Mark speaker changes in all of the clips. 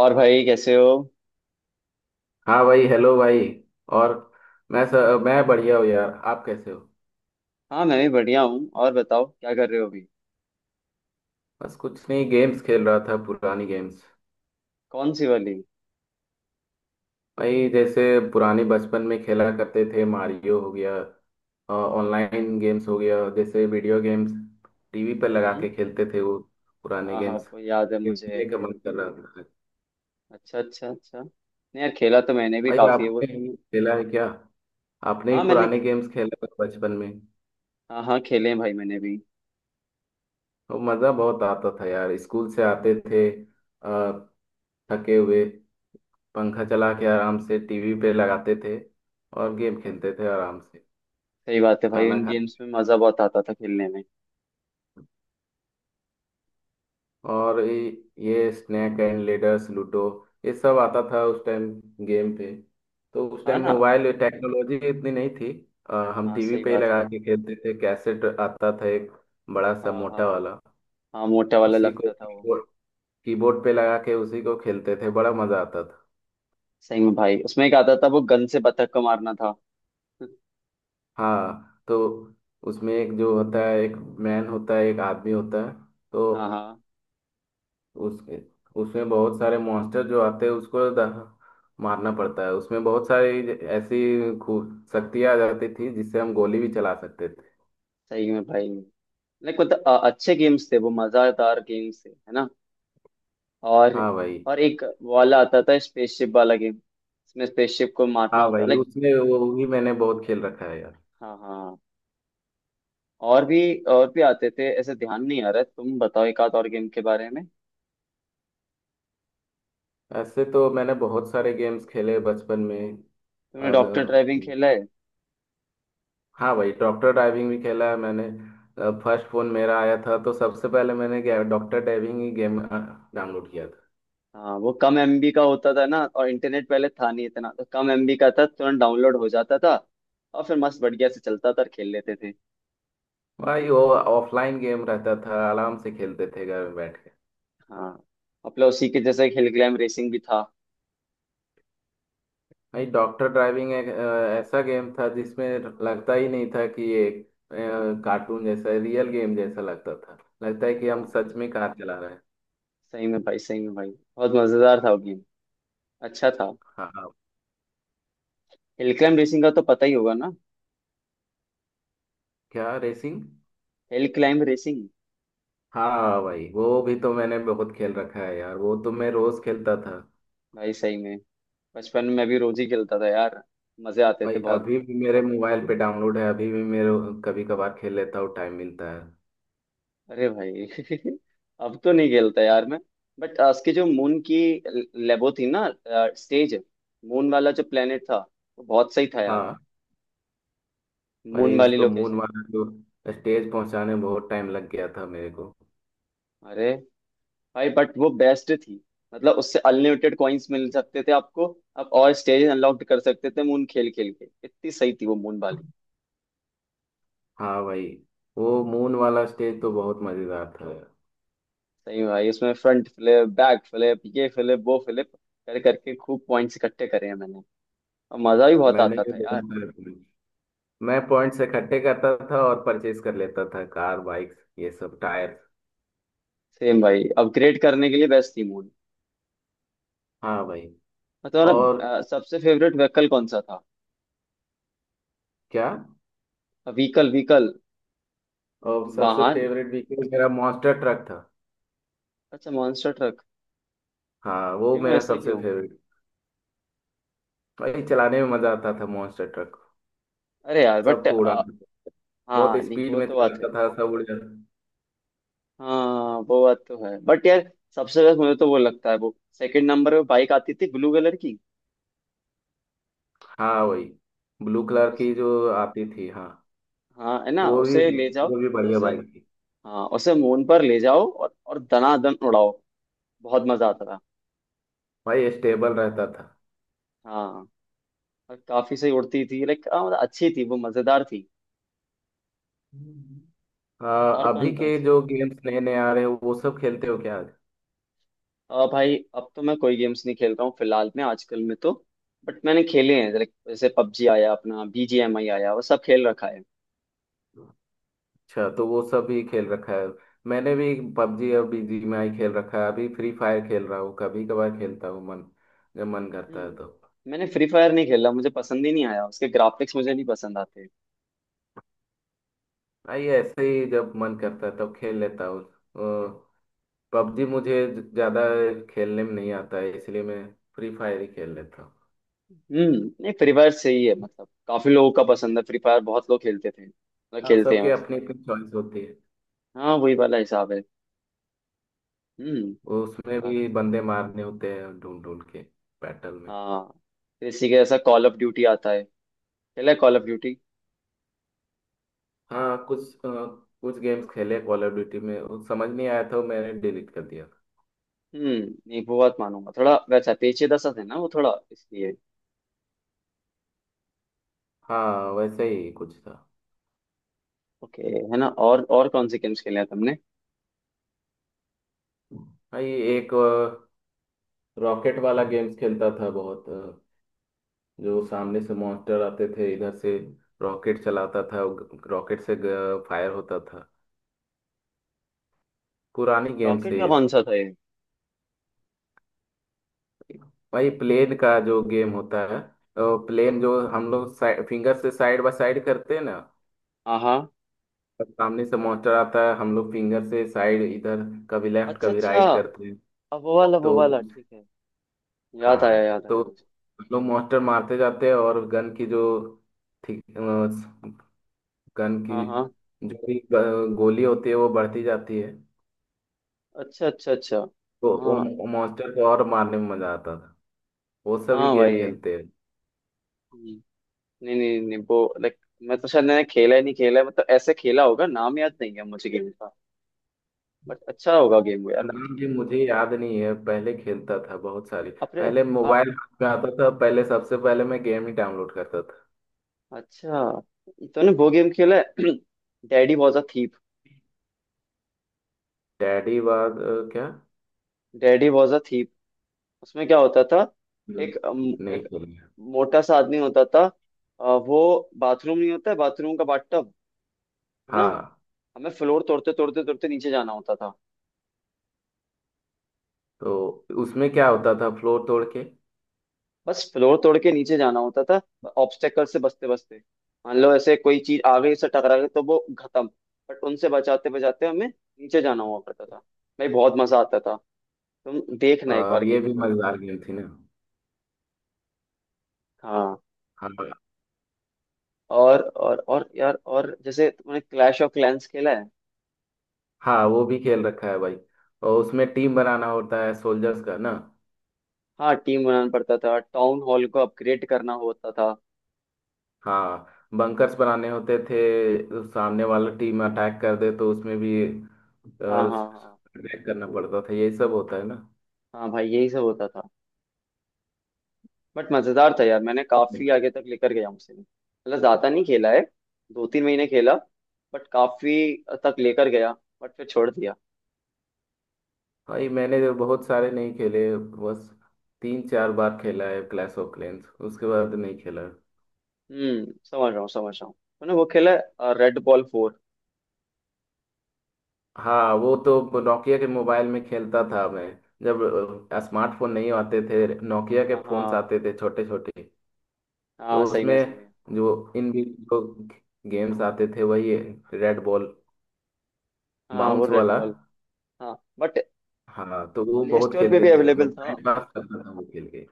Speaker 1: और भाई कैसे हो?
Speaker 2: हाँ भाई हेलो भाई। और मैं सर मैं बढ़िया हूँ यार, आप कैसे हो।
Speaker 1: हाँ, मैं भी बढ़िया हूँ। और बताओ क्या कर रहे हो अभी?
Speaker 2: बस कुछ नहीं, गेम्स खेल रहा था, पुरानी गेम्स।
Speaker 1: कौन सी वाली?
Speaker 2: भाई जैसे पुराने बचपन में खेला करते थे, मारियो हो गया, ऑनलाइन गेम्स हो गया, जैसे वीडियो गेम्स टीवी पर लगा
Speaker 1: हम्म।
Speaker 2: के खेलते थे वो, पुराने
Speaker 1: हाँ हाँ,
Speaker 2: गेम्स,
Speaker 1: वो याद है मुझे।
Speaker 2: खेलने का मन कर रहा था।
Speaker 1: अच्छा अच्छा अच्छा, नहीं यार, खेला तो मैंने भी
Speaker 2: भाई
Speaker 1: काफी है वो।
Speaker 2: आपने भी खेला है क्या, आपने
Speaker 1: हाँ
Speaker 2: भी
Speaker 1: मैंने,
Speaker 2: पुराने गेम्स खेला था बचपन में।
Speaker 1: हाँ हाँ, खेले हैं भाई मैंने भी।
Speaker 2: तो मज़ा बहुत आता था यार, स्कूल से आते थे अ, थके हुए, पंखा चला के आराम से टीवी पे लगाते थे और गेम खेलते थे आराम से।
Speaker 1: सही बात है भाई,
Speaker 2: खाना
Speaker 1: उन गेम्स
Speaker 2: खाते
Speaker 1: में मजा बहुत आता था खेलने में।
Speaker 2: और ये स्नैक एंड लेडर्स, लूडो, ये सब आता था उस टाइम गेम पे। तो उस
Speaker 1: हाँ
Speaker 2: टाइम
Speaker 1: ना।
Speaker 2: मोबाइल टेक्नोलॉजी इतनी नहीं थी। हम
Speaker 1: हाँ
Speaker 2: टीवी
Speaker 1: सही
Speaker 2: पे ही
Speaker 1: बात
Speaker 2: लगा
Speaker 1: है।
Speaker 2: के खेलते थे, कैसेट आता था एक, बड़ा सा
Speaker 1: हाँ हाँ।
Speaker 2: मोटा वाला।
Speaker 1: हाँ मोटा वाला
Speaker 2: उसी को
Speaker 1: लगता था वो।
Speaker 2: कीबोर्ड, कीबोर्ड पे लगा के उसी को खेलते थे, बड़ा मजा आता था।
Speaker 1: सही में भाई, उसमें एक आता था वो गन से बतख को मारना था।
Speaker 2: हाँ तो उसमें एक जो होता है, एक मैन होता है, एक आदमी होता है तो
Speaker 1: हाँ हाँ।
Speaker 2: उसके, उसमें बहुत सारे मॉन्स्टर जो आते हैं उसको मारना पड़ता है। उसमें बहुत सारी ऐसी खूब शक्तियाँ आ जाती थी जिससे हम गोली भी चला सकते थे।
Speaker 1: सही में भाई, लाइक मतलब अच्छे गेम्स थे वो, मजेदार गेम्स थे है ना। और
Speaker 2: हाँ भाई।
Speaker 1: एक वाला आता था स्पेसशिप वाला गेम, इसमें स्पेसशिप को मारना
Speaker 2: हाँ
Speaker 1: होता
Speaker 2: भाई,
Speaker 1: लाइक।
Speaker 2: उसमें वो भी मैंने बहुत खेल रखा है यार।
Speaker 1: हाँ हाँ हाँ। और भी, और भी आते थे ऐसे, ध्यान नहीं आ रहा है। तुम बताओ एक आध और गेम के बारे में।
Speaker 2: ऐसे तो मैंने बहुत सारे गेम्स खेले बचपन में।
Speaker 1: तुमने डॉक्टर
Speaker 2: अब,
Speaker 1: ड्राइविंग खेला है?
Speaker 2: हाँ भाई, डॉक्टर डाइविंग भी खेला है मैंने। फर्स्ट फोन मेरा आया था तो सबसे पहले मैंने डॉक्टर डाइविंग ही गेम डाउनलोड किया था।
Speaker 1: हाँ, वो कम एमबी का होता था ना, और इंटरनेट पहले था नहीं इतना, तो कम एमबी का था, तुरंत डाउनलोड हो जाता था। और फिर मस्त बढ़िया से चलता था और खेल लेते थे।
Speaker 2: भाई वो ऑफलाइन गेम रहता था, आराम से खेलते थे घर में बैठ के।
Speaker 1: हाँ। अपना उसी के जैसे हिल क्लाइंब रेसिंग भी था।
Speaker 2: भाई डॉक्टर ड्राइविंग एक ऐसा गेम था जिसमें लगता ही नहीं था कि ये कार्टून जैसा, रियल गेम जैसा लगता था। लगता है कि हम
Speaker 1: हाँ
Speaker 2: सच में कार चला रहे हैं।
Speaker 1: सही में भाई, सही में भाई, बहुत मजेदार था वो गेम। अच्छा था।
Speaker 2: हाँ हाँ।
Speaker 1: हिल क्लाइंब रेसिंग का तो पता ही होगा ना?
Speaker 2: क्या रेसिंग।
Speaker 1: Hill climb racing.
Speaker 2: हाँ हाँ, भाई वो भी तो मैंने बहुत खेल रखा है यार, वो तो मैं रोज खेलता था।
Speaker 1: भाई सही में, बचपन में भी रोज ही खेलता था यार, मजे आते थे
Speaker 2: भाई
Speaker 1: बहुत।
Speaker 2: अभी भी मेरे मोबाइल पे डाउनलोड है, अभी भी मेरे, कभी कभार खेल लेता हूँ, टाइम मिलता है।
Speaker 1: अरे भाई अब तो नहीं खेलता यार मैं। बट उसकी जो मून की लेबो थी ना, स्टेज, मून वाला जो प्लेनेट था, वो बहुत सही था यार।
Speaker 2: हाँ
Speaker 1: मून
Speaker 2: भाई,
Speaker 1: वाली
Speaker 2: उसको मून
Speaker 1: लोकेशन।
Speaker 2: मारा तो स्टेज पहुंचाने में बहुत टाइम लग गया था मेरे को।
Speaker 1: अरे भाई, बट वो बेस्ट थी। मतलब उससे अनलिमिटेड कॉइन्स मिल सकते थे आपको, आप और स्टेज अनलॉक कर सकते थे मून खेल खेल के, इतनी सही थी वो मून वाली।
Speaker 2: हाँ भाई, वो मून वाला स्टेज तो बहुत मजेदार था।
Speaker 1: सही में भाई, इसमें फ्रंट फ्लिप, बैक फ्लिप, ये फ्लिप, वो फ्लिप कर करके खूब पॉइंट्स इकट्ठे करे हैं मैंने। और मजा भी बहुत
Speaker 2: मैंने
Speaker 1: आता
Speaker 2: ये
Speaker 1: था
Speaker 2: बहुत
Speaker 1: यार।
Speaker 2: सारे पॉइंट, मैं पॉइंट्स इकट्ठे करता था और परचेज कर लेता था, कार, बाइक, ये सब, टायर।
Speaker 1: सेम भाई, अपग्रेड करने के लिए बेस्ट थी मूड।
Speaker 2: हाँ भाई।
Speaker 1: और
Speaker 2: और
Speaker 1: तुम्हारा सबसे फेवरेट व्हीकल कौन सा था?
Speaker 2: क्या।
Speaker 1: Vehicle vehicle.
Speaker 2: और सबसे
Speaker 1: वाहन।
Speaker 2: फेवरेट व्हीकल मेरा मॉन्स्टर ट्रक था।
Speaker 1: अच्छा, मॉन्स्टर ट्रक।
Speaker 2: हाँ वो
Speaker 1: क्यों,
Speaker 2: मेरा
Speaker 1: ऐसा
Speaker 2: सबसे
Speaker 1: क्यों?
Speaker 2: फेवरेट। भाई चलाने में मजा आता था मॉन्स्टर ट्रक,
Speaker 1: अरे यार बट,
Speaker 2: सबको उड़ाता था, बहुत
Speaker 1: हाँ नहीं
Speaker 2: स्पीड
Speaker 1: वो
Speaker 2: में
Speaker 1: तो बात है।
Speaker 2: चलाता था, सब उड़ जाता।
Speaker 1: हाँ वो बात तो है, बट यार सबसे बेस्ट मुझे तो वो लगता है, वो सेकंड नंबर पे बाइक आती थी ब्लू कलर की।
Speaker 2: हाँ भाई, ब्लू कलर
Speaker 1: उस,
Speaker 2: की जो आती थी, हाँ
Speaker 1: हाँ है
Speaker 2: तो
Speaker 1: ना,
Speaker 2: वो भी,
Speaker 1: उसे ले जाओ।
Speaker 2: वो भी बढ़िया
Speaker 1: उसे,
Speaker 2: बाइक थी।
Speaker 1: हाँ उसे मून पर ले जाओ और दनादन उड़ाओ, बहुत मजा आता था।
Speaker 2: भाई स्टेबल रहता था।
Speaker 1: हाँ। और काफी सही उड़ती थी, लाइक मतलब अच्छी थी वो, मजेदार थी।
Speaker 2: हम्म। आ,
Speaker 1: और
Speaker 2: अभी
Speaker 1: कौन कौन
Speaker 2: के
Speaker 1: सी?
Speaker 2: जो गेम्स नए नए आ रहे हैं वो सब खेलते हो क्या।
Speaker 1: भाई अब तो मैं कोई गेम्स नहीं खेल रहा हूँ फिलहाल में, आजकल में तो। बट मैंने खेले हैं, लाइक जैसे पबजी आया, अपना बीजीएमआई आया, वो सब खेल रखा है।
Speaker 2: अच्छा तो वो सब भी खेल रखा है। मैंने भी पबजी और बीजीएमआई खेल रखा है, अभी फ्री फायर खेल रहा हूँ, कभी कभार खेलता हूँ, मन, जब मन करता है तो।
Speaker 1: हम्म। मैंने फ्री फायर नहीं खेला, मुझे पसंद ही नहीं आया, उसके ग्राफिक्स मुझे नहीं पसंद आते।
Speaker 2: भाई ऐसे ही जब मन करता है तब खेल लेता हूँ। पबजी मुझे ज़्यादा खेलने में नहीं आता है, इसलिए मैं फ्री फायर ही खेल लेता हूँ।
Speaker 1: हम्म। नहीं, फ्री फायर सही है, मतलब काफी लोगों का पसंद है फ्री फायर, बहुत लोग खेलते थे, मतलब
Speaker 2: हाँ,
Speaker 1: खेलते हैं
Speaker 2: सबके
Speaker 1: वैसे।
Speaker 2: अपनी अपनी चॉइस होती है।
Speaker 1: हाँ, वही वाला हिसाब है। हम्म।
Speaker 2: उसमें भी
Speaker 1: काफी।
Speaker 2: बंदे मारने होते हैं, ढूंढ ढूंढ के, बैटल।
Speaker 1: हाँ। फिर इसी के जैसा कॉल ऑफ ड्यूटी आता है, खेला है कॉल ऑफ ड्यूटी?
Speaker 2: हाँ कुछ कुछ गेम्स खेले कॉल ऑफ ड्यूटी में, वो समझ नहीं आया था, वो मैंने डिलीट कर दिया।
Speaker 1: हम्म। नहीं, वो बात मानूंगा, थोड़ा वैसा पेचीदा सा था ना वो थोड़ा, इसलिए।
Speaker 2: हाँ वैसे ही कुछ था।
Speaker 1: ओके। है ना। और कौन से गेम्स खेले हैं तुमने?
Speaker 2: हाँ ये एक रॉकेट वाला गेम्स खेलता था बहुत, जो सामने से मॉन्स्टर आते थे इधर से, रॉकेट चलाता था, रॉकेट से फायर होता था। पुरानी गेम्स
Speaker 1: रॉकेट
Speaker 2: है
Speaker 1: का
Speaker 2: ये
Speaker 1: कौन
Speaker 2: सब।
Speaker 1: सा था ये?
Speaker 2: भाई प्लेन का जो गेम होता है, प्लेन जो हम लोग फिंगर से साइड बाय साइड करते हैं ना,
Speaker 1: हाँ हाँ।
Speaker 2: और सामने से मॉन्स्टर आता है, हम लोग फिंगर से साइड इधर, कभी लेफ्ट
Speaker 1: अच्छा
Speaker 2: कभी
Speaker 1: अच्छा।
Speaker 2: राइट करते हैं।
Speaker 1: अब वो वाला, वो
Speaker 2: तो
Speaker 1: वाला
Speaker 2: उस-
Speaker 1: ठीक है, याद आया,
Speaker 2: हाँ
Speaker 1: याद आया
Speaker 2: तो
Speaker 1: मुझे।
Speaker 2: हम लोग मॉन्स्टर मारते जाते हैं और गन की जो, ठीक, गन
Speaker 1: हाँ
Speaker 2: की
Speaker 1: हाँ।
Speaker 2: जो भी गोली होती है वो बढ़ती जाती है,
Speaker 1: अच्छा अच्छा अच्छा।
Speaker 2: तो
Speaker 1: हाँ।
Speaker 2: वो मॉन्स्टर को और मारने में मजा आता था। वो सभी
Speaker 1: हाँ
Speaker 2: गेम
Speaker 1: भाई।
Speaker 2: खेलते हैं।
Speaker 1: हम्म, नहीं नहीं नहीं, वो लाइक मैं तो शायद, मैंने खेला ही नहीं, खेला है मतलब ऐसे, खेला होगा, नाम याद नहीं है मुझे गेम का। बट अच्छा होगा गेम वो यार वो।
Speaker 2: नाम भी मुझे याद नहीं है, पहले खेलता था बहुत सारी,
Speaker 1: अपने,
Speaker 2: पहले मोबाइल हाथ में आता था पहले, सबसे पहले मैं गेम ही डाउनलोड करता था।
Speaker 1: अच्छा, ये तूने वो गेम खेला है? Daddy was a thief.
Speaker 2: Daddy बाद क्या।
Speaker 1: Daddy was a thief. उसमें क्या होता था, एक
Speaker 2: इतने ही
Speaker 1: एक
Speaker 2: खेले।
Speaker 1: मोटा सा आदमी होता था। वो बाथरूम, नहीं होता है बाथरूम का बाथटब, है ना।
Speaker 2: हाँ
Speaker 1: हमें फ्लोर तोड़ते तोड़ते तोड़ते नीचे जाना होता था।
Speaker 2: तो उसमें क्या होता था फ्लोर तोड़ के।
Speaker 1: बस फ्लोर तोड़ के नीचे जाना होता था, ऑब्स्टेकल से बचते बचते। मान लो ऐसे कोई चीज आगे से टकरा गई तो वो खत्म। बट उनसे बचाते बचाते हमें नीचे जाना हुआ करता था। भाई बहुत मजा आता था। तुम देखना एक बार
Speaker 2: ये
Speaker 1: गेम
Speaker 2: भी
Speaker 1: को।
Speaker 2: मजेदार गेम थी ना।
Speaker 1: हाँ।
Speaker 2: हाँ।
Speaker 1: और और यार, और जैसे तुमने क्लैश ऑफ क्लैंस खेला है?
Speaker 2: हाँ वो भी खेल रखा है भाई, और उसमें टीम बनाना होता है सोल्जर्स का ना।
Speaker 1: हाँ टीम बनाना पड़ता था, टाउन हॉल को अपग्रेड करना होता था।
Speaker 2: हाँ, बंकर्स बनाने होते थे, सामने वाला टीम अटैक कर दे तो उसमें भी
Speaker 1: हाँ हाँ हाँ।
Speaker 2: अटैक करना पड़ता था, यही सब होता है ना।
Speaker 1: हाँ भाई यही सब होता था। बट मजेदार था यार, मैंने काफी आगे तक लेकर गया उसे, मतलब ज्यादा नहीं खेला है, दो तीन महीने खेला, बट काफी तक लेकर गया, बट फिर छोड़ दिया।
Speaker 2: भाई मैंने जो बहुत सारे नहीं खेले, बस 3 4 बार खेला है क्लैश ऑफ क्लैंस, उसके बाद नहीं खेला।
Speaker 1: हम्म, समझ रहा हूँ, समझ रहा हूँ। मैंने वो खेला है, रेड बॉल फोर।
Speaker 2: हाँ वो तो नोकिया के मोबाइल में खेलता था मैं, जब स्मार्टफोन नहीं आते थे, नोकिया के
Speaker 1: हाँ
Speaker 2: फोन्स
Speaker 1: हाँ
Speaker 2: आते थे छोटे छोटे,
Speaker 1: हाँ,
Speaker 2: तो
Speaker 1: सही में, सही
Speaker 2: उसमें
Speaker 1: में।
Speaker 2: जो इनबी जो गेम्स आते थे, वही रेड बॉल,
Speaker 1: हाँ वो
Speaker 2: बाउंस
Speaker 1: रेड
Speaker 2: वाला।
Speaker 1: बॉल। हाँ बट
Speaker 2: हाँ तो वो
Speaker 1: प्ले
Speaker 2: बहुत
Speaker 1: स्टोर पे
Speaker 2: खेलते
Speaker 1: भी
Speaker 2: थे, मैं
Speaker 1: अवेलेबल था,
Speaker 2: टाइम पास करता था वो खेल के।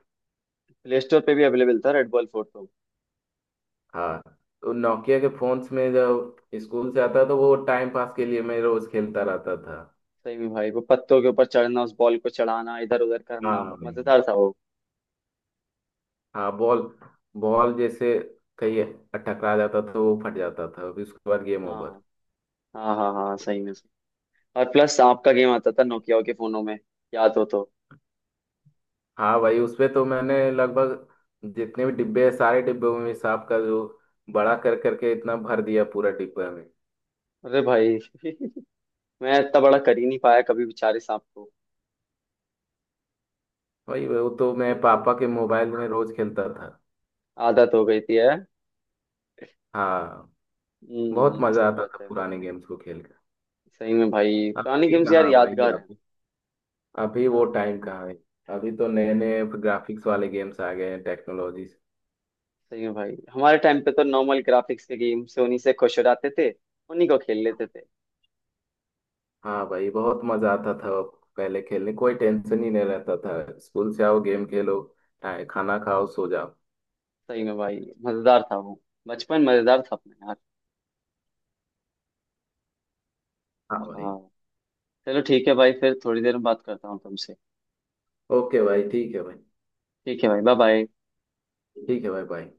Speaker 1: प्ले स्टोर पे भी अवेलेबल था रेड बॉल फोटो।
Speaker 2: हाँ तो नोकिया के फोन्स में जब स्कूल से आता तो वो टाइम पास के लिए मैं रोज खेलता रहता था।
Speaker 1: सही में भाई, वो पत्तों के ऊपर चढ़ना, उस बॉल को चढ़ाना, इधर उधर
Speaker 2: हाँ
Speaker 1: करना,
Speaker 2: भाई,
Speaker 1: मजेदार था वो।
Speaker 2: हाँ बॉल, बॉल जैसे कहीं टकरा जाता था वो फट जाता था, फिर उसके बाद गेम ओवर।
Speaker 1: हाँ हाँ हाँ। हाँ सही में, सही। और प्लस सांप का गेम आता था नोकिया के फोनों में, याद हो तो?
Speaker 2: हाँ भाई उसपे तो मैंने लगभग जितने भी डिब्बे हैं, सारे डिब्बों में सांप का जो बड़ा कर करके इतना भर दिया पूरा डिब्बा में।
Speaker 1: अरे भाई मैं इतना बड़ा कर ही नहीं पाया कभी बेचारे सांप को।
Speaker 2: भाई वो तो मैं पापा के मोबाइल में रोज खेलता था।
Speaker 1: आदत हो गई थी है।
Speaker 2: हाँ। बहुत
Speaker 1: हम्म,
Speaker 2: मजा
Speaker 1: सही
Speaker 2: आता
Speaker 1: बात
Speaker 2: था
Speaker 1: है।
Speaker 2: पुराने गेम्स को खेल कर।
Speaker 1: सही में भाई, पुराने
Speaker 2: अभी
Speaker 1: गेम्स यार
Speaker 2: कहाँ भाई,
Speaker 1: यादगार हैं।
Speaker 2: अभी, अभी वो
Speaker 1: हाँ।
Speaker 2: टाइम कहाँ है। अभी तो नए
Speaker 1: सही।
Speaker 2: नए ग्राफिक्स वाले गेम्स आ गए हैं, टेक्नोलॉजी।
Speaker 1: सही में भाई, हमारे टाइम पे तो नॉर्मल ग्राफिक्स के गेम से उन्हीं से खुश हो जाते थे, उन्हीं को खेल लेते थे।
Speaker 2: हाँ भाई बहुत मजा आता था। अब, पहले खेलने कोई टेंशन ही नहीं रहता था, स्कूल से आओ, गेम खेलो, खाना खाओ, सो जाओ।
Speaker 1: सही में भाई, मजेदार था वो, बचपन मजेदार था अपना यार।
Speaker 2: हाँ भाई।
Speaker 1: हाँ। चलो, ठीक है भाई, फिर थोड़ी देर में बात करता हूँ तुमसे।
Speaker 2: ओके भाई, ठीक है भाई।
Speaker 1: ठीक है भाई, बाय बाय।
Speaker 2: ठीक है भाई, बाय।